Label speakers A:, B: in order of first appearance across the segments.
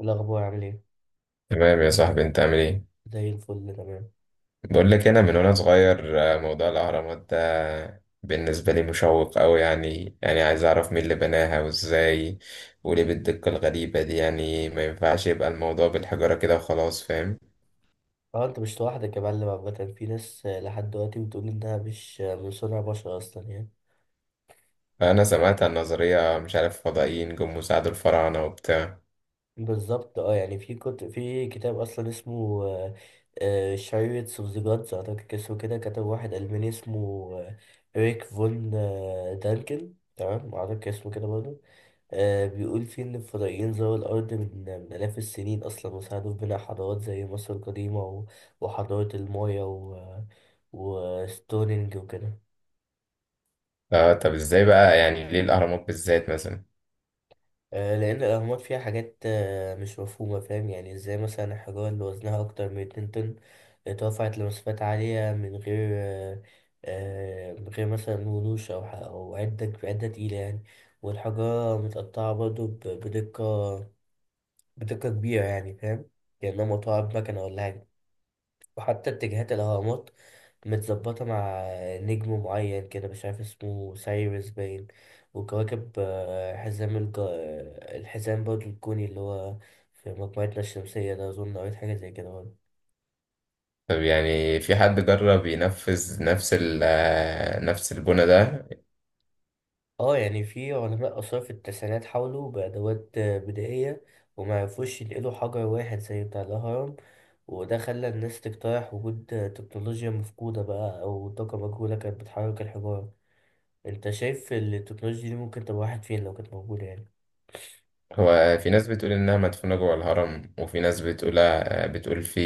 A: الأخبار عامل إيه؟
B: تمام يا صاحبي، انت عامل ايه؟
A: زي الفل تمام.
B: بقول لك انا من وانا صغير، موضوع الاهرامات ده بالنسبه لي مشوق قوي. يعني عايز اعرف مين اللي بناها وازاي، وليه بالدقه الغريبه دي. يعني ما ينفعش يبقى الموضوع بالحجاره كده وخلاص، فاهم؟
A: أه أنت مش لوحدك يا معلم. عامة في ناس لحد دلوقتي بتقول إنها مش من صنع بشر أصلا يعني.
B: فانا سمعت عن نظريه، مش عارف، فضائيين جم وساعدوا الفراعنه وبتاع.
A: بالظبط أه يعني في كتاب أصلا اسمه شريرة اوف ذا جادز أعتقد اسمه كده. كتب واحد ألماني اسمه آه، ريك فون دانكن تمام أعتقد اسمه كده برضه. بيقول فيه إن الفضائيين زاروا الأرض من آلاف السنين أصلا وساعدوا في بناء حضارات زي مصر القديمة و- وحضارة المايا و... وستونينج وكده.
B: اه، طب ازاي بقى؟ يعني ليه الاهرامات بالذات مثلا؟
A: لأن الأهرامات فيها حاجات مش مفهومة فاهم. يعني إزاي مثلا الحجارة اللي وزنها أكتر من اتنين طن اترفعت لمسافات عالية من غير مثلا ونوش أو عدة تقيلة يعني. والحجارة متقطعة برضه بدقة كبيرة يعني فاهم. كأنها مقطوعة بمكنة ولا حاجة. وحتى اتجاهات الهرمات متظبطة مع نجم معين كده مش عارف اسمه سايرس باين. وكواكب آه، حزام الج... آه، الحزام برضه الكوني اللي هو في مجموعتنا الشمسية ده. أظن قريت حاجة زي كده برضه.
B: طب يعني في حد جرب ينفذ نفس ال آه، نفس البنى ده؟
A: اه يعني في علماء آثار في التسعينات حاولوا بأدوات بدائية. ومعرفوش ينقلوا حجر واحد زي بتاع الهرم. وده خلى الناس تقترح وجود تكنولوجيا مفقودة بقى أو طاقة مجهولة كانت بتحرك الحجارة. انت شايف التكنولوجيا دي ممكن تبقى واحد فين لو كانت موجودة يعني؟
B: هو في ناس بتقول إنها مدفونة جوه الهرم، وفي ناس بتقول في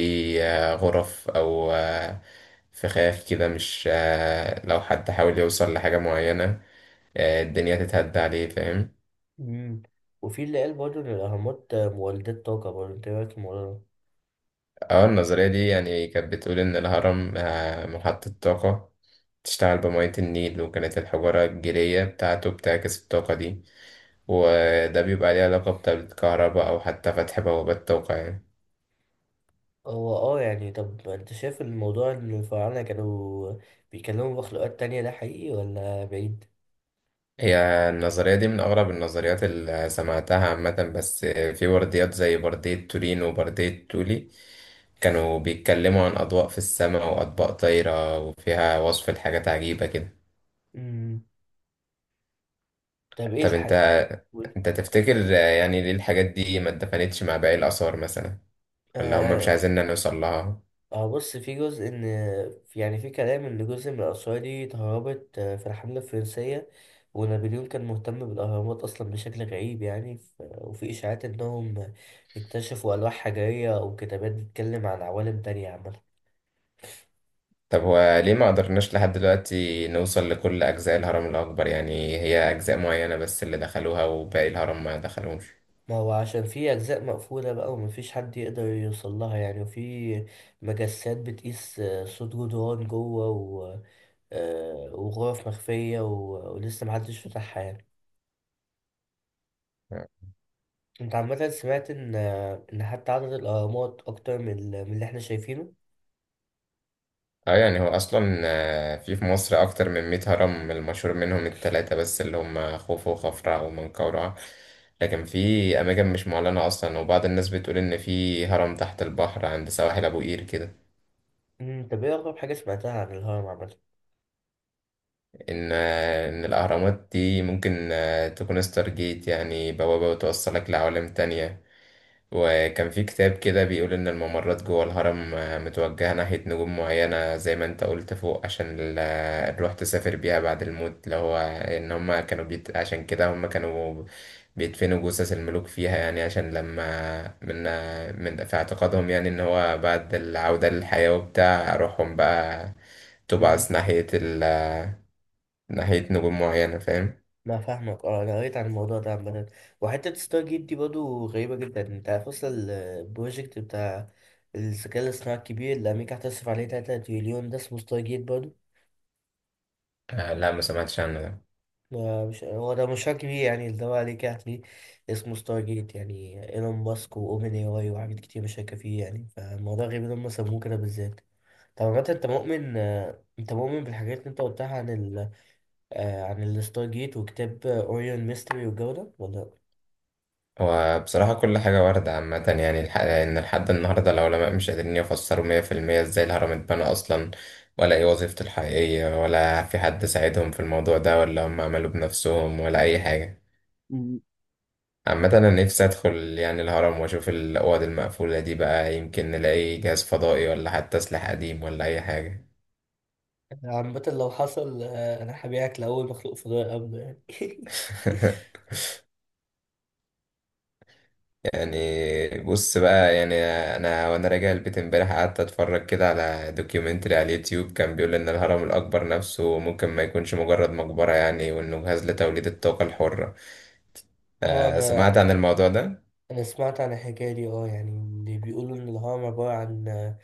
B: غرف أو فخاخ كده، مش، لو حد حاول يوصل لحاجة معينة آه، الدنيا تتهد عليه، فاهم؟
A: مم. وفي اللي قال برضه ان الاهرامات مولدات طاقة برضه. انت إيه رايك في الموضوع ده؟
B: اه، النظرية دي يعني كانت بتقول إن الهرم محطة طاقة، تشتغل بمية النيل، وكانت الحجارة الجيرية بتاعته بتعكس الطاقة دي، وده بيبقى ليه علاقة بالكهرباء أو حتى فتح بوابات طاقة يعني.
A: هو اه يعني طب انت شايف الموضوع ان الفراعنة كانوا بيكلموا مخلوقات تانية ده حقيقي ولا بعيد؟
B: هي النظرية دي من أغرب النظريات اللي سمعتها عامة. بس في برديات زي بردية تورين وبردية تولي، كانوا بيتكلموا عن أضواء في السماء وأطباق طايرة، وفيها وصف لحاجات عجيبة كده.
A: مم. طب ايه
B: طب أنت
A: الحق. قول.
B: أنت تفتكر يعني ليه الحاجات دي ما اتدفنتش مع باقي الآثار مثلا؟ ولا هم مش عايزيننا نوصل لها؟
A: اه بص في جزء ان يعني في كلام ان جزء من الاسرار دي اتهربت في الحمله الفرنسيه. ونابليون كان مهتم بالاهرامات اصلا بشكل غريب يعني وفي اشاعات انهم اكتشفوا الواح حجريه او كتابات بتتكلم عن عوالم تانية عامه.
B: طب هو ليه ما قدرناش لحد دلوقتي نوصل لكل أجزاء الهرم الأكبر؟ يعني هي أجزاء معينة بس اللي دخلوها وباقي الهرم ما دخلوش.
A: ما هو عشان في اجزاء مقفوله بقى ومفيش حد يقدر يوصل لها يعني. وفي مجسات بتقيس صوت جدران جوه وغرف مخفيه ولسه محدش فتحها يعني. انت عامة سمعت ان حتى عدد الاهرامات اكتر من من اللي احنا شايفينه.
B: اه، يعني هو اصلا، في مصر اكتر من 100 هرم، المشهور منهم التلاتة بس اللي هم خوفو وخفرع ومنقورع. لكن في اماكن مش معلنة اصلا، وبعض الناس بتقول ان في هرم تحت البحر عند سواحل ابو قير كده.
A: طب ايه اغرب حاجة سمعتها عن الهرم عامة؟
B: ان الاهرامات دي ممكن تكون ستار جيت، يعني بوابة بتوصلك لعوالم تانية. وكان في كتاب كده بيقول إن الممرات جوه الهرم متوجهة ناحية نجوم معينة زي ما أنت قلت فوق، عشان الروح تسافر بيها بعد الموت. اللي هو إن عشان كده هما كانوا بيدفنوا جثث الملوك فيها، يعني عشان لما من في اعتقادهم، يعني إن هو بعد العودة للحياة وبتاع، روحهم بقى
A: مم.
B: تبعث ناحية ال... آه، ناحية نجوم معينة، فاهم؟
A: لا فاهمك. اه انا قريت عن الموضوع ده عامة. وحتة ستار جيت دي برضه غريبة جدا. انت عارف اصلا البروجكت بتاع الذكاء الاصطناعي الكبير اللي امريكا هتصرف عليه 3 تريليون ده اسمه ستار جيت برضه.
B: آه لا، ما سمعتش عنه ده.
A: مش هو ده مشروع كبير يعني. اللي هو عليك هتلاقيه اسمه ستار جيت. يعني ايلون ماسك واوبن اي واي وحاجات كتير مشاركة فيه يعني. فالموضوع غريب ان هم سموه كده بالذات. طب بجد انت مؤمن بالحاجات اللي انت قلتها عن ال آه، عن الستار جيت وكتاب اوريون ميستري والجو ده ولا لأ؟
B: وبصراحة كل حاجة واردة عامة، يعني إن لحد النهاردة العلماء مش قادرين يفسروا مية في المية إزاي الهرم اتبنى أصلا، ولا إيه وظيفته الحقيقية، ولا في حد ساعدهم في الموضوع ده، ولا هم عملوا بنفسهم، ولا أي حاجة.
A: مم.
B: عامة أنا نفسي أدخل يعني الهرم وأشوف الأوض المقفولة دي بقى، يمكن نلاقي جهاز فضائي ولا حتى سلاح قديم ولا أي حاجة.
A: عامة لو حصل انا هبيعك لأول مخلوق فضائي قبله يعني
B: يعني بص بقى، يعني انا وانا راجع البيت امبارح قعدت اتفرج كده على دوكيومنتري على اليوتيوب. كان بيقول ان الهرم الاكبر نفسه ممكن ما يكونش مجرد مقبرة يعني، وانه جهاز لتوليد الطاقة الحرة.
A: اه انا
B: سمعت عن الموضوع ده؟
A: انا سمعت عن الحكاية دي. اه يعني اللي بيقولوا ان الهرم عبارة عن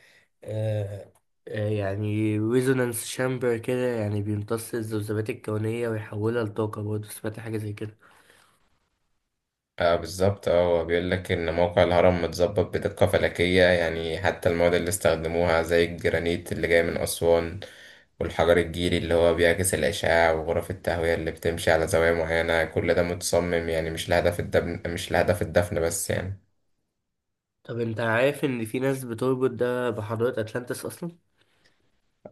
A: آه، يعني ريزونانس شامبر كده. يعني بيمتص الذبذبات الكونية ويحولها لطاقة برضه. سمعت حاجة زي كده.
B: اه بالظبط. اه هو بيقول لك ان موقع الهرم متظبط بدقة فلكية، يعني حتى المواد اللي استخدموها زي الجرانيت اللي جاي من أسوان، والحجر الجيري اللي هو بيعكس الأشعة، وغرف التهوية اللي بتمشي على زوايا معينة، كل ده متصمم يعني مش لهدف الدفن بس يعني.
A: طب انت عارف ان في ناس بتربط ده بحضارة اتلانتس اصلا؟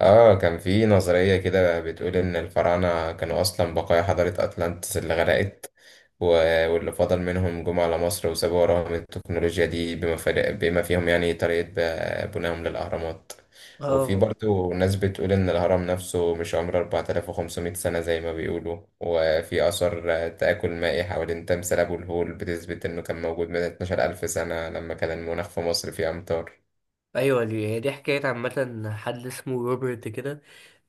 B: اه، كان في نظرية كده بتقول إن الفراعنة كانوا أصلا بقايا حضارة أطلانتس اللي غرقت، و- واللي فضل منهم جم على مصر وسابوا وراهم التكنولوجيا دي، بما فيهم يعني طريقة بنائهم للأهرامات. وفي
A: اه
B: برضه ناس بتقول إن الهرم نفسه مش عمره 4500 سنة زي ما بيقولوا، وفي آثار تآكل مائي حوالين تمثال أبو الهول بتثبت إنه كان موجود من 12000 سنة، لما كان المناخ في مصر فيه أمطار.
A: ايوه. دي هي دي حكايه عامه. حد اسمه روبرت كده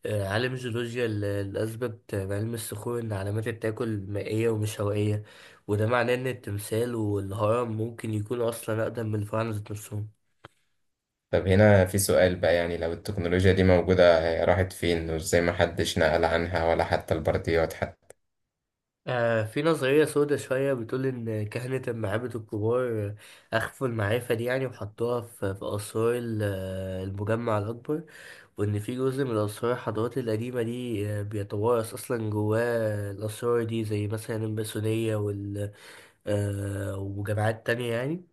A: عالم جيولوجيا اللي اثبت بعلم الصخور ان علامات التاكل مائيه ومش هوائيه. وده معناه ان التمثال والهرم ممكن يكونوا اصلا اقدم من الفراعنه ذات نفسهم.
B: طب هنا في سؤال بقى. يعني لو التكنولوجيا دي موجودة هي راحت فين؟ وازاي ما حدش نقل عنها ولا حتى البرديات حتى؟
A: في نظريه سودة شويه بتقول ان كهنه المعابد الكبار اخفوا المعرفه دي يعني. وحطوها في اسرار المجمع الاكبر. وإن في جزء من الأسرار الحضارات القديمة دي بيتوارث أصلا جواه الأسرار دي زي مثلا الماسونية وال آه، وجماعات تانية يعني.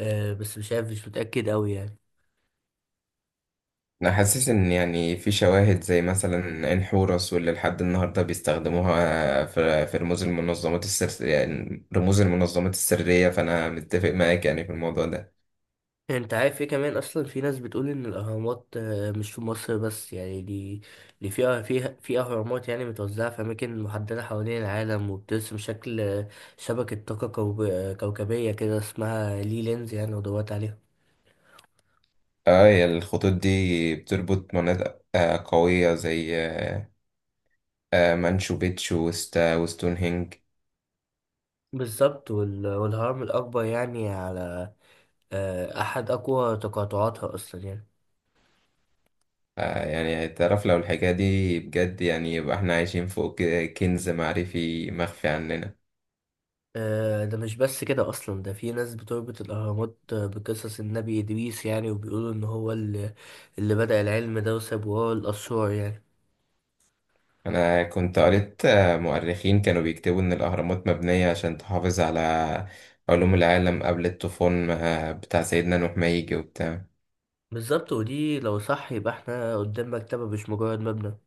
A: بس مش عارف مش متأكد أوي يعني.
B: انا حاسس ان، يعني في شواهد زي مثلا عين حورس، واللي لحد النهارده بيستخدموها في رموز المنظمات السر يعني رموز المنظمات السرية. فانا متفق معاك يعني في الموضوع ده.
A: أنت عارف إيه كمان أصلا. في ناس بتقول إن الأهرامات مش في مصر بس يعني. دي فيها في أهرامات يعني متوزعة في أماكن محددة حوالين العالم وبترسم شكل شبكة طاقة كوكبية كده اسمها لي لينز يعني. ودورت عليها.
B: اه، هي الخطوط دي بتربط مناطق قوية زي مانشو بيتشو وستونهنج.
A: بالظبط والهرم الأكبر يعني على أحد أقوى تقاطعاتها أصلا يعني.
B: يعني تعرف، لو الحكاية دي بجد يعني يبقى احنا عايشين فوق كنز معرفي مخفي عننا.
A: ده مش بس كده أصلا. ده في ناس بتربط الأهرامات بقصص النبي إدريس يعني. وبيقولوا إن هو اللي بدأ العلم ده وساب وراه الأسرار يعني.
B: انا كنت قريت مؤرخين كانوا بيكتبوا ان الاهرامات مبنية عشان تحافظ على علوم العالم قبل الطوفان بتاع سيدنا نوح ما يجي وبتاع.
A: بالظبط. ودي لو صح يبقى احنا قدام مكتبة مش مجرد مبنى.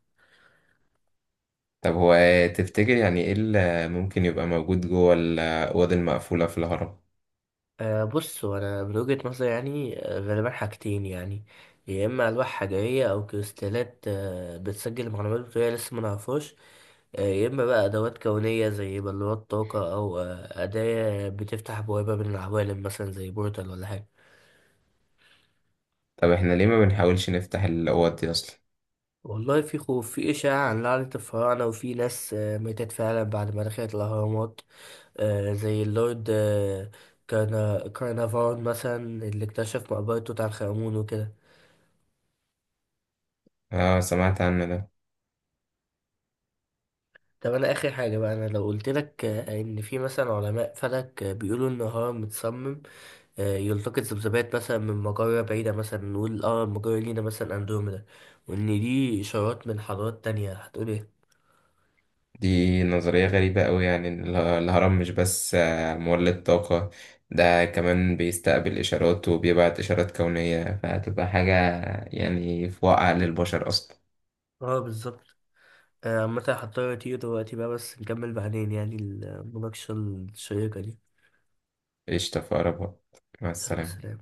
B: طب هو تفتكر يعني ايه اللي ممكن يبقى موجود جوه الاوض المقفولة في الهرم؟
A: بص أنا من وجهة نظري يعني غالبا حاجتين يعني. يا إما ألواح حجرية أو كريستالات بتسجل معلومات بطريقة لسه ما نعرفهاش. يا إما بقى أدوات كونية زي بلورات طاقة أو أداة بتفتح بوابة بين العوالم مثلا زي بورتال ولا حاجة.
B: طب احنا ليه ما بنحاولش نفتح الاوض دي اصلا؟
A: والله في خوف. في إشاعة عن لعنة الفراعنة وفي ناس ماتت فعلا بعد ما دخلت الأهرامات زي اللورد كارنافون مثلا اللي اكتشف مقبرة توت عنخ آمون وكده.
B: اه، سمعت عنه ده.
A: طب أنا آخر حاجة بقى. أنا لو قلت لك إن في مثلا علماء فلك بيقولوا إن الهرم متصمم يلتقط ذبذبات مثلا من مجرة بعيدة مثلا. نقول المجرة لينا مثلا أندروميدا. وإن دي إشارات من حضارات تانية هتقول ايه؟
B: دي نظرية غريبة أوي، يعني إن الهرم مش بس مولد طاقة، ده كمان بيستقبل إشارات وبيبعت إشارات كونية. فهتبقى حاجة يعني في واقع للبشر أصلا.
A: اه بالظبط. عامة هضطر أطير دلوقتي بقى بس نكمل بعدين يعني المناقشة الشيقة دي.
B: قشطة، في أقرب وقت. مع
A: يلا
B: السلامة.
A: سلام.